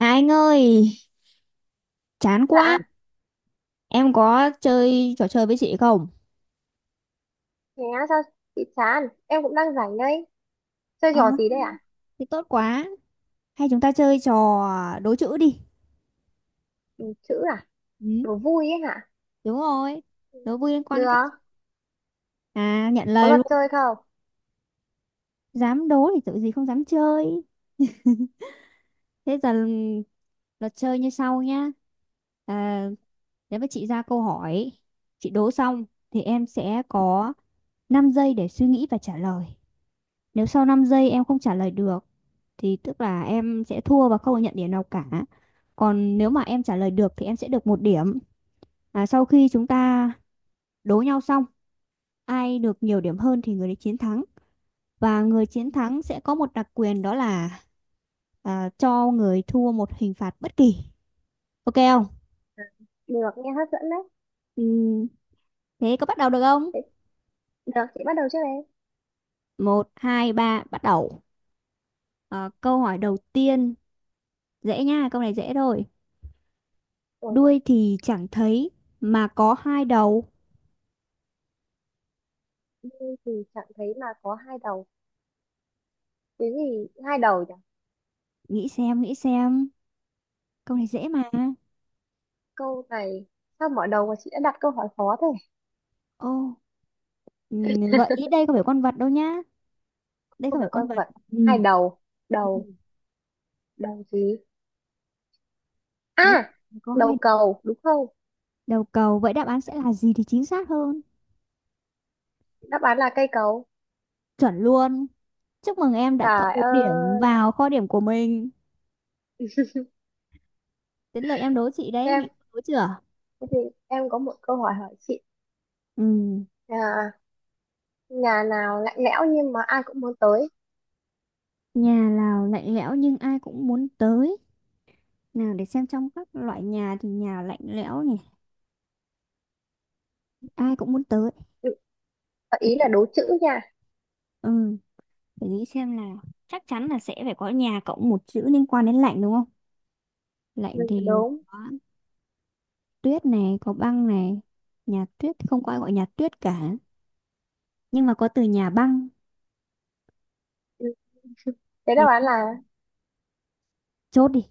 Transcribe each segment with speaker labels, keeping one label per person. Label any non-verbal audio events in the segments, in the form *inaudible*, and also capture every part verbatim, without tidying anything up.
Speaker 1: À, anh ơi, chán quá.
Speaker 2: Dạ,
Speaker 1: Em có chơi trò chơi với chị không?
Speaker 2: thế á, sao chị chán? Em cũng đang rảnh đây. Chơi
Speaker 1: Ờ,
Speaker 2: trò gì
Speaker 1: thế
Speaker 2: đấy ạ?
Speaker 1: thì tốt quá. Hay chúng ta chơi trò đố chữ đi.
Speaker 2: Ừ, chữ à?
Speaker 1: Ừ,
Speaker 2: Đố vui ấy hả?
Speaker 1: đúng rồi.
Speaker 2: Ừ,
Speaker 1: Đố vui liên quan đến
Speaker 2: được,
Speaker 1: cách. À, nhận
Speaker 2: có
Speaker 1: lời
Speaker 2: luật
Speaker 1: luôn.
Speaker 2: chơi không?
Speaker 1: Dám đố thì tự gì không dám chơi. Thế giờ ừ, luật chơi như sau nhá. À, nếu mà chị ra câu hỏi, chị đố xong thì em sẽ có năm giây để suy nghĩ và trả lời. Nếu sau năm giây em không trả lời được thì tức là em sẽ thua và không được nhận điểm nào cả. Còn nếu mà em trả lời được thì em sẽ được một điểm. À, sau khi chúng ta đố nhau xong, ai được nhiều điểm hơn thì người đấy chiến thắng. Và người chiến thắng sẽ có một đặc quyền đó là à, cho người thua một hình phạt bất kỳ. Ok không?
Speaker 2: Được, nghe hấp dẫn đấy.
Speaker 1: Ừ, thế có bắt đầu được không?
Speaker 2: Thế, được, chị bắt đầu trước đây.
Speaker 1: Một, hai, ba, bắt đầu. Ờ, câu hỏi đầu tiên dễ nha, câu này dễ thôi.
Speaker 2: Ủa,
Speaker 1: Đuôi thì chẳng thấy mà có hai đầu.
Speaker 2: vui thì chẳng thấy mà có hai đầu. Cái gì hai đầu nhỉ?
Speaker 1: Nghĩ xem, nghĩ xem. Câu này dễ mà.
Speaker 2: Câu này, sao mở đầu mà chị đã đặt câu hỏi khó thế?
Speaker 1: Ô, ừm, gợi ý đây không phải con vật đâu nhá. Đây không
Speaker 2: Không
Speaker 1: phải
Speaker 2: phải
Speaker 1: con
Speaker 2: con
Speaker 1: vật.
Speaker 2: vật. Hai
Speaker 1: Ừ.
Speaker 2: đầu,
Speaker 1: Ừ.
Speaker 2: đầu, đầu gì?
Speaker 1: Cái
Speaker 2: À,
Speaker 1: gì có hai
Speaker 2: đầu
Speaker 1: đầu?
Speaker 2: cầu, đúng không?
Speaker 1: Đầu cầu. Vậy đáp án sẽ là gì thì chính xác hơn.
Speaker 2: Đáp án là cây cầu.
Speaker 1: Chuẩn luôn. Chúc mừng em đã cộng
Speaker 2: Trời
Speaker 1: một điểm
Speaker 2: ơi,
Speaker 1: vào kho điểm của mình. Đến lượt em đố chị đấy. Nghĩ
Speaker 2: em,
Speaker 1: đố chưa?
Speaker 2: thế thì em có một câu hỏi hỏi chị.
Speaker 1: Ừ.
Speaker 2: À, nhà nào lạnh lẽo nhưng mà ai cũng muốn tới.
Speaker 1: Nhà Lào lạnh lẽo nhưng ai cũng muốn tới. Nào để xem trong các loại nhà thì nhà lạnh lẽo nhỉ. Ai cũng muốn tới.
Speaker 2: Ừ, ý là đố chữ nha.
Speaker 1: Ừ. Để nghĩ xem nào, chắc chắn là sẽ phải có nhà cộng một chữ liên quan đến lạnh đúng không.
Speaker 2: Ừ,
Speaker 1: Lạnh thì
Speaker 2: đúng.
Speaker 1: có tuyết này, có băng này. Nhà tuyết thì không có ai gọi nhà tuyết cả, nhưng mà có từ nhà băng.
Speaker 2: Ừ, thế đáp
Speaker 1: nhà
Speaker 2: án là.
Speaker 1: Chốt đi.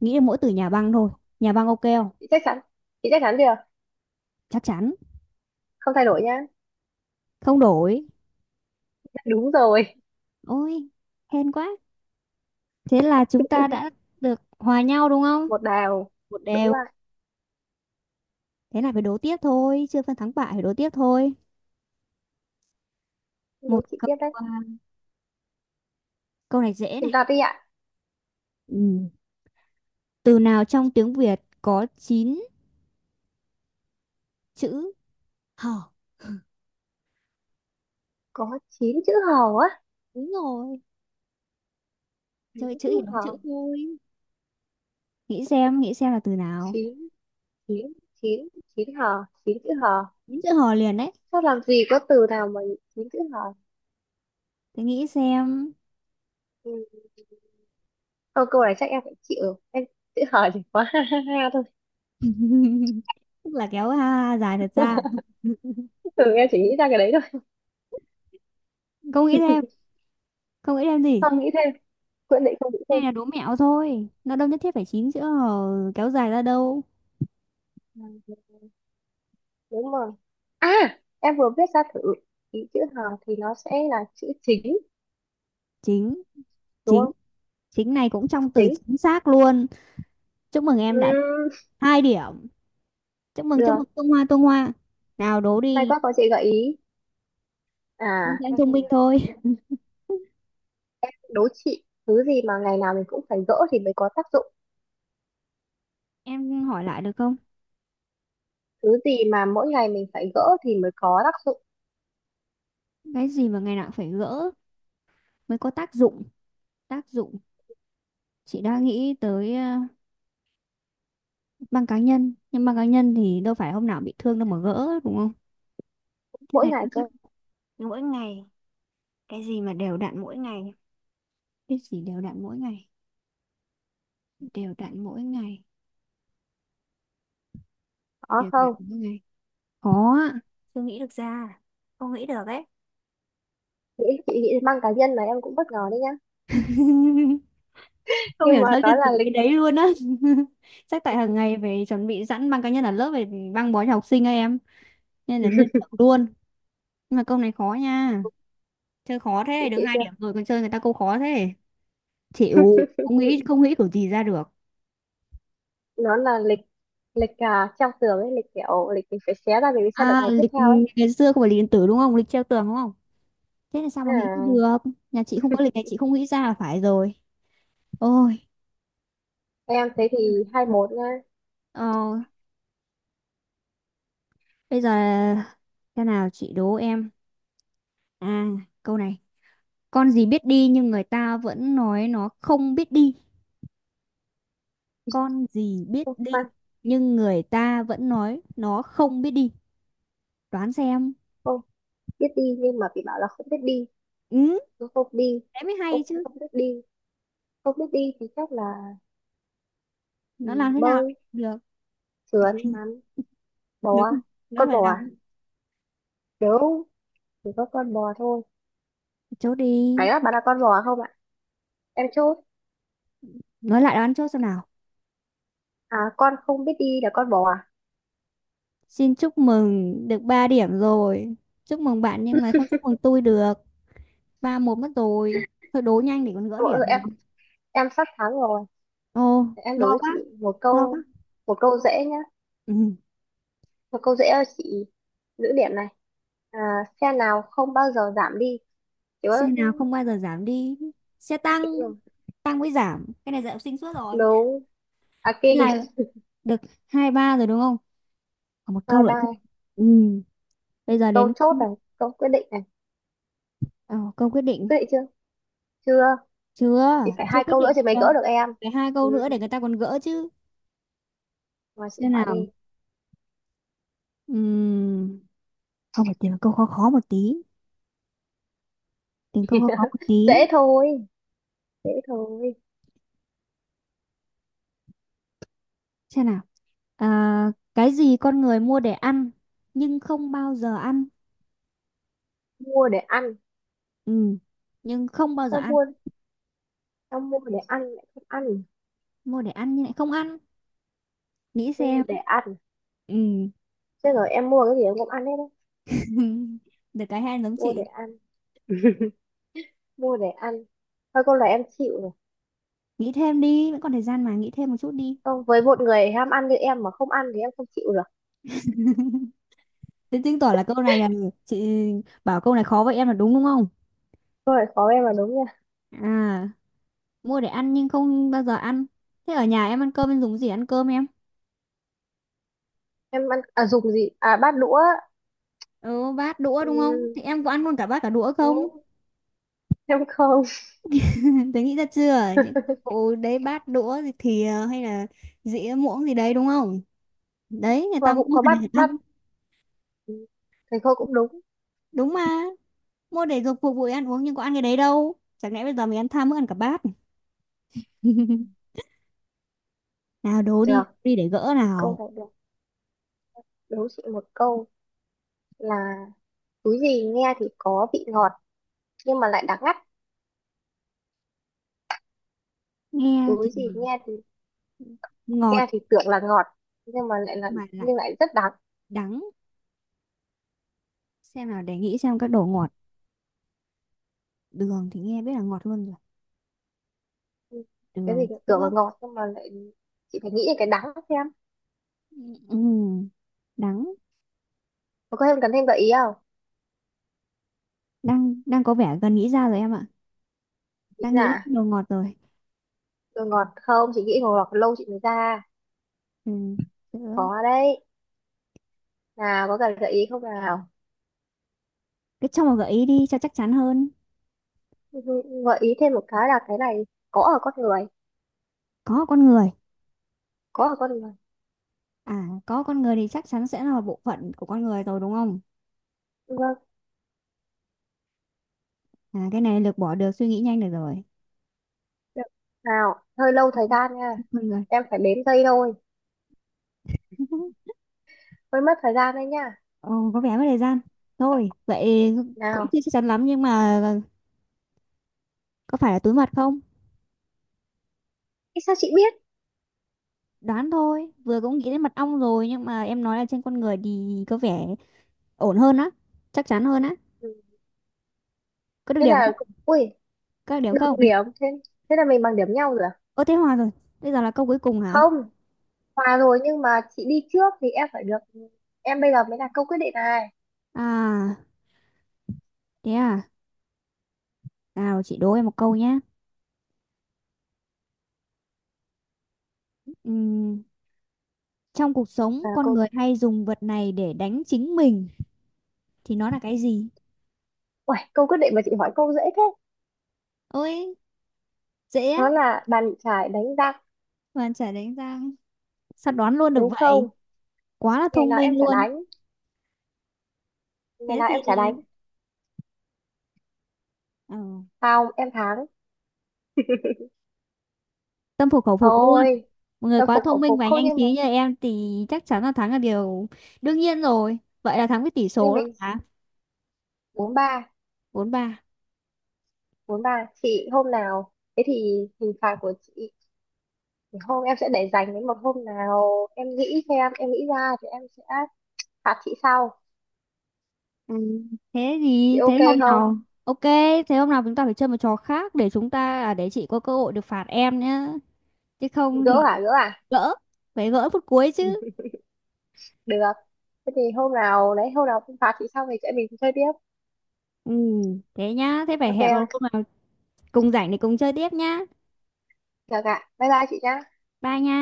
Speaker 1: Nghĩ là mỗi từ nhà băng thôi. Nhà băng ok không?
Speaker 2: chị chắc chắn chị chắc chắn chưa?
Speaker 1: Chắc chắn.
Speaker 2: Không thay đổi nhá.
Speaker 1: Không đổi.
Speaker 2: Đúng rồi,
Speaker 1: Ôi, hên quá. Thế là chúng ta đã được hòa nhau đúng không?
Speaker 2: một đào,
Speaker 1: một
Speaker 2: đúng
Speaker 1: đều
Speaker 2: rồi.
Speaker 1: Thế là phải đố tiếp thôi, chưa phân thắng bại phải đố tiếp thôi.
Speaker 2: Đố
Speaker 1: Một
Speaker 2: chị
Speaker 1: câu,
Speaker 2: tiếp đấy,
Speaker 1: à, câu này dễ này.
Speaker 2: chúng ta đi ạ.
Speaker 1: Ừ. Từ nào trong tiếng Việt có chín chữ hò?
Speaker 2: Có chín chữ hò á?
Speaker 1: Đúng rồi.
Speaker 2: Chín
Speaker 1: Chơi chữ
Speaker 2: chữ
Speaker 1: thì đố
Speaker 2: hò.
Speaker 1: chữ thôi. Nghĩ xem, nghĩ xem là từ nào.
Speaker 2: Chín, chín, chín, chín hò, chín chữ hò.
Speaker 1: Nghĩ chữ hò liền đấy.
Speaker 2: Sao làm gì có từ nào mà chín chữ hò.
Speaker 1: Thì nghĩ xem.
Speaker 2: Ừ. câu câu này chắc em phải chịu, em chữ hò chỉ có *laughs* ha ha ha thôi.
Speaker 1: *laughs* Tức là kéo ha dài thật ra.
Speaker 2: *laughs*
Speaker 1: *laughs*
Speaker 2: Ừ, em chỉ nghĩ ra cái đấy thôi.
Speaker 1: Không nghĩ thêm. Không nghĩ thêm gì.
Speaker 2: Không nghĩ thêm, quyết định không nghĩ
Speaker 1: Này
Speaker 2: thêm.
Speaker 1: là đố mẹo thôi, nó đâu nhất thiết phải chín chữ hò kéo dài ra đâu.
Speaker 2: Ừ, đúng rồi. À, em vừa viết ra thử, ý chữ hàng thì nó sẽ là chữ chính,
Speaker 1: Chính,
Speaker 2: đúng
Speaker 1: chính,
Speaker 2: không?
Speaker 1: chính này cũng trong từ
Speaker 2: Chính.
Speaker 1: chính xác luôn. Chúc mừng em đã
Speaker 2: Ừm,
Speaker 1: hai điểm. Chúc mừng chúc
Speaker 2: được.
Speaker 1: mừng tung hoa tung hoa. Nào đố
Speaker 2: May
Speaker 1: đi.
Speaker 2: quá có chị gợi ý.
Speaker 1: Nhưng
Speaker 2: À
Speaker 1: em sẽ
Speaker 2: em
Speaker 1: thông
Speaker 2: xem
Speaker 1: minh
Speaker 2: nào.
Speaker 1: thôi. *laughs*
Speaker 2: Em đố chị thứ gì mà ngày nào mình cũng phải gỡ thì mới có tác dụng.
Speaker 1: Em hỏi lại được không?
Speaker 2: Thứ gì mà mỗi ngày mình phải gỡ thì mới có tác dụng.
Speaker 1: Cái gì mà ngày nào cũng phải gỡ mới có tác dụng? Tác dụng. Chị đã nghĩ tới ờ, băng cá nhân nhưng băng cá nhân thì đâu phải hôm nào bị thương đâu mà gỡ đúng không. Cái
Speaker 2: Mỗi
Speaker 1: này
Speaker 2: ngày
Speaker 1: nó
Speaker 2: cơ.
Speaker 1: rất- Mỗi ngày. Cái gì mà đều đặn mỗi ngày? Cái gì đều đặn mỗi ngày? Đều đặn mỗi ngày.
Speaker 2: Có
Speaker 1: Đều đặn
Speaker 2: không?
Speaker 1: mỗi ngày. Khó ạ. *laughs* Chưa nghĩ được ra. Không nghĩ được ấy.
Speaker 2: Nghĩ chị nghĩ mang cá nhân là em cũng bất ngờ đấy nhá.
Speaker 1: *laughs* Không
Speaker 2: Nhưng
Speaker 1: hiểu
Speaker 2: mà
Speaker 1: sao
Speaker 2: đó
Speaker 1: liên
Speaker 2: là
Speaker 1: tưởng
Speaker 2: lịch.
Speaker 1: cái đấy luôn á. *laughs* Chắc tại hàng ngày về chuẩn bị sẵn băng cá nhân ở lớp về băng bó cho học sinh ấy em, nên là liên
Speaker 2: *laughs*
Speaker 1: tưởng luôn. Nhưng mà câu này khó nha. Chơi khó
Speaker 2: Chị
Speaker 1: thế, được
Speaker 2: chịu
Speaker 1: hai
Speaker 2: chưa?
Speaker 1: điểm rồi còn chơi người ta câu khó thế. Chịu, không
Speaker 2: *laughs*
Speaker 1: nghĩ không nghĩ kiểu gì ra được.
Speaker 2: Nó là lịch. Lịch à, treo tường ấy, lịch kiểu lịch mình phải xé ra mình mới xem được
Speaker 1: À,
Speaker 2: ngày tiếp
Speaker 1: lịch.
Speaker 2: theo ấy.
Speaker 1: Ngày xưa không phải lịch điện tử đúng không, lịch treo tường đúng không. Thế là sao mà nghĩ
Speaker 2: À.
Speaker 1: được. Nhà chị không có lịch này, chị không nghĩ ra là phải rồi. Ôi.
Speaker 2: Em thế thì hai một nha.
Speaker 1: Ờ, bây giờ. Thế nào, chị đố em. À, câu này. Con gì biết đi nhưng người ta vẫn nói nó không biết đi? Con gì biết
Speaker 2: Không,
Speaker 1: đi
Speaker 2: khoan,
Speaker 1: nhưng người ta vẫn nói nó không biết đi? Đoán xem.
Speaker 2: không biết đi nhưng mà bị bảo là không biết đi.
Speaker 1: Ừ.
Speaker 2: Nó không đi.
Speaker 1: Thế mới
Speaker 2: Không,
Speaker 1: hay chứ.
Speaker 2: không biết đi. Không biết đi thì chắc là ừ,
Speaker 1: Nó làm thế nào
Speaker 2: bơi,
Speaker 1: được.
Speaker 2: sườn, lặn, bò.
Speaker 1: Đúng. Nó
Speaker 2: Con
Speaker 1: phải
Speaker 2: bò
Speaker 1: làm.
Speaker 2: à? Nếu chỉ có con bò thôi.
Speaker 1: Chốt
Speaker 2: Phải
Speaker 1: đi.
Speaker 2: á, bạn là con bò không ạ? Em chốt.
Speaker 1: Nói lại đoán chốt xem nào.
Speaker 2: À, con không biết đi là con bò à?
Speaker 1: Xin chúc mừng được ba điểm rồi. Chúc mừng bạn nhưng mà không chúc mừng tôi được. Ba một mất rồi. Thôi đố nhanh để còn gỡ
Speaker 2: Ủa,
Speaker 1: điểm
Speaker 2: ừ,
Speaker 1: được.
Speaker 2: em em sắp thắng rồi.
Speaker 1: Ồ,
Speaker 2: Để em đối
Speaker 1: lo
Speaker 2: với
Speaker 1: quá.
Speaker 2: chị một
Speaker 1: Lo quá.
Speaker 2: câu, một câu dễ nhá.
Speaker 1: Ừ.
Speaker 2: Một câu dễ cho chị giữ điểm này. À, xe nào không bao giờ giảm đi? Chứ
Speaker 1: Xe nào không bao giờ giảm đi? Xe tăng.
Speaker 2: đúng.
Speaker 1: Tăng mới giảm. Cái này dạy học sinh suốt rồi.
Speaker 2: Đúng. À,
Speaker 1: Thế
Speaker 2: kinh.
Speaker 1: là được hai ba rồi đúng không? Còn một
Speaker 2: Bye
Speaker 1: câu nữa thôi.
Speaker 2: bye.
Speaker 1: Ừ. Bây giờ
Speaker 2: Câu
Speaker 1: đến
Speaker 2: chốt này, câu quyết định này.
Speaker 1: ờ, câu quyết định.
Speaker 2: Quyết định chưa? Chưa.
Speaker 1: Chưa.
Speaker 2: Chị phải
Speaker 1: Chưa
Speaker 2: hai
Speaker 1: quyết
Speaker 2: câu nữa
Speaker 1: định
Speaker 2: chị mới
Speaker 1: được.
Speaker 2: gỡ được em.
Speaker 1: Phải hai câu
Speaker 2: Ừ,
Speaker 1: nữa để người ta còn gỡ chứ.
Speaker 2: mà chị
Speaker 1: Xem
Speaker 2: hỏi
Speaker 1: nào.
Speaker 2: đi.
Speaker 1: Ừm, Không phải tìm một câu khó khó một tí, tìm câu khó khó một
Speaker 2: *laughs*
Speaker 1: tí.
Speaker 2: Dễ thôi, dễ thôi.
Speaker 1: Xem nào. À, cái gì con người mua để ăn nhưng không bao giờ ăn?
Speaker 2: Mua để ăn.
Speaker 1: Ừm, nhưng không bao giờ
Speaker 2: Sao
Speaker 1: ăn.
Speaker 2: mua? Sao mua để ăn lại không ăn?
Speaker 1: Mua để ăn nhưng lại không ăn. Nghĩ
Speaker 2: Mua
Speaker 1: xem.
Speaker 2: để ăn.
Speaker 1: Ừm,
Speaker 2: Chứ rồi em mua cái gì em cũng ăn hết đấy.
Speaker 1: *laughs* Được cái hay giống
Speaker 2: Mua để
Speaker 1: chị.
Speaker 2: ăn, *laughs* mua để ăn. Thôi câu này em chịu rồi.
Speaker 1: Nghĩ thêm đi, vẫn còn thời gian mà, nghĩ thêm một chút đi.
Speaker 2: Không, với một người ham ăn như em mà không ăn thì em không chịu được.
Speaker 1: Thế chứng tỏ là câu này là chị bảo câu này khó vậy em là đúng, đúng không.
Speaker 2: Câu này khó em là đúng nha.
Speaker 1: À, mua để ăn nhưng không bao giờ ăn. Thế ở nhà em ăn cơm em dùng cái gì ăn cơm em?
Speaker 2: Em ăn, à dùng gì? À bát đũa.
Speaker 1: Ừ, bát đũa đúng không? Thì
Speaker 2: Ừ,
Speaker 1: em có ăn luôn cả bát cả đũa không?
Speaker 2: đúng. Em không.
Speaker 1: *laughs* Tớ nghĩ ra chưa? Những
Speaker 2: *laughs*
Speaker 1: cụ đấy bát đũa thì thìa hay là dĩa muỗng gì đấy đúng không? Đấy người
Speaker 2: Và
Speaker 1: ta
Speaker 2: cũng
Speaker 1: mua
Speaker 2: có
Speaker 1: để
Speaker 2: bắt bắt.
Speaker 1: ăn.
Speaker 2: Ừ, thầy cô cũng đúng.
Speaker 1: Đúng mà. Mua để dùng phục vụ ăn uống nhưng có ăn cái đấy đâu. Chẳng lẽ bây giờ mình ăn tham mới ăn cả bát. *laughs* Nào đố đi,
Speaker 2: Được
Speaker 1: đi để gỡ
Speaker 2: câu
Speaker 1: nào.
Speaker 2: này, được, đố chị một câu là túi gì nghe thì có vị ngọt nhưng mà lại đắng ngắt.
Speaker 1: Nghe
Speaker 2: Túi
Speaker 1: thì
Speaker 2: gì nghe thì, nghe
Speaker 1: ngọt
Speaker 2: thì tưởng là ngọt nhưng mà lại là,
Speaker 1: mà lại
Speaker 2: nhưng lại rất đắng.
Speaker 1: đắng. Xem nào để nghĩ xem các đồ ngọt. Đường thì nghe biết là ngọt luôn rồi.
Speaker 2: Ừ, cái gì
Speaker 1: Đường,
Speaker 2: tưởng là
Speaker 1: sữa.
Speaker 2: ngọt nhưng mà lại, chị phải nghĩ đến cái đắng xem.
Speaker 1: Ừ, đắng.
Speaker 2: Mà có em cần thêm gợi ý không?
Speaker 1: Đang đang có vẻ gần nghĩ ra rồi em ạ.
Speaker 2: Nghĩ
Speaker 1: Đang nghĩ
Speaker 2: là,
Speaker 1: đến đồ ngọt rồi.
Speaker 2: rồi ngọt không, chị nghĩ ngọt lâu chị mới ra.
Speaker 1: Ừ. Được.
Speaker 2: Có đấy. Nào, có cần gợi ý không nào?
Speaker 1: Cứ cho một gợi ý đi cho chắc chắn hơn.
Speaker 2: Gợi ý thêm một cái là cái này có ở con người.
Speaker 1: Có con người.
Speaker 2: có ở con người
Speaker 1: À, có con người thì chắc chắn sẽ là một bộ phận của con người rồi đúng không.
Speaker 2: vâng.
Speaker 1: À, cái này lược bỏ được suy nghĩ nhanh được rồi.
Speaker 2: Được. Nào, hơi lâu thời
Speaker 1: *laughs*
Speaker 2: gian nha.
Speaker 1: Ừ, con người.
Speaker 2: Em phải đếm giây thôi.
Speaker 1: *laughs*
Speaker 2: Hơi mất thời gian đấy nha.
Speaker 1: Ồ, có vẻ mất thời gian, thôi vậy. Cũng
Speaker 2: Nào.
Speaker 1: chưa chắc chắn lắm nhưng mà có phải là túi mật không?
Speaker 2: Ý sao chị biết?
Speaker 1: Đoán thôi, vừa cũng nghĩ đến mật ong rồi nhưng mà em nói là trên con người thì có vẻ ổn hơn á. Chắc chắn hơn á.
Speaker 2: Ừ.
Speaker 1: Có được
Speaker 2: Thế
Speaker 1: điểm
Speaker 2: là,
Speaker 1: không?
Speaker 2: ui,
Speaker 1: Có được điểm
Speaker 2: được
Speaker 1: không?
Speaker 2: điểm. Thế, thế là mình bằng điểm nhau rồi à?
Speaker 1: Ơ thế hòa rồi, bây giờ là câu cuối cùng hả?
Speaker 2: Không, hòa rồi nhưng mà chị đi trước thì em phải được. Em bây giờ mới là câu quyết định này.
Speaker 1: À, thế à, nào chị đố em một câu nhé. Ừm, Trong cuộc sống
Speaker 2: À,
Speaker 1: con
Speaker 2: câu,
Speaker 1: người hay dùng vật này để đánh chính mình thì nó là cái gì?
Speaker 2: ui, câu quyết định mà chị hỏi câu dễ thế.
Speaker 1: Ôi, dễ á,
Speaker 2: Nó là bàn chải đánh giặc,
Speaker 1: mà trả đánh răng. Sao đoán luôn được
Speaker 2: đúng
Speaker 1: vậy?
Speaker 2: không?
Speaker 1: Quá là
Speaker 2: Ngày
Speaker 1: thông
Speaker 2: nào em
Speaker 1: minh
Speaker 2: chả
Speaker 1: luôn.
Speaker 2: đánh, ngày
Speaker 1: Thế
Speaker 2: nào
Speaker 1: thì
Speaker 2: em chả đánh.
Speaker 1: ờ,
Speaker 2: Không, em thắng.
Speaker 1: tâm phục khẩu phục luôn.
Speaker 2: Thôi,
Speaker 1: Một người
Speaker 2: tâm
Speaker 1: quá
Speaker 2: phục
Speaker 1: thông
Speaker 2: khẩu
Speaker 1: minh
Speaker 2: phục
Speaker 1: và
Speaker 2: không
Speaker 1: nhanh
Speaker 2: nhưng mà,
Speaker 1: trí như em thì chắc chắn là thắng là điều đương nhiên rồi. Vậy là thắng với tỷ
Speaker 2: nhưng
Speaker 1: số
Speaker 2: mình
Speaker 1: là
Speaker 2: bốn ba.
Speaker 1: bốn ba.
Speaker 2: Bốn ba chị hôm nào, thế thì hình phạt của chị thì hôm em sẽ để dành đến một hôm nào em nghĩ xem, em nghĩ ra thì em sẽ phạt chị sau.
Speaker 1: Ừ, thế
Speaker 2: Chị
Speaker 1: thì
Speaker 2: ok
Speaker 1: thế hôm
Speaker 2: không?
Speaker 1: nào ok, thế hôm nào chúng ta phải chơi một trò khác để chúng ta à, để chị có cơ hội được phạt em nhá. Chứ không
Speaker 2: Gỡ
Speaker 1: thì
Speaker 2: hả, gỡ à?
Speaker 1: gỡ, phải gỡ phút cuối chứ.
Speaker 2: *laughs* Được, thế thì hôm nào đấy, hôm nào em phạt chị xong thì chị em mình chơi tiếp,
Speaker 1: Ừ, thế nhá, thế phải
Speaker 2: ok
Speaker 1: hẹn vào
Speaker 2: không?
Speaker 1: hôm nào cùng rảnh để cùng chơi tiếp nhá.
Speaker 2: Được ạ, bye bye chị nhá.
Speaker 1: Bye nha.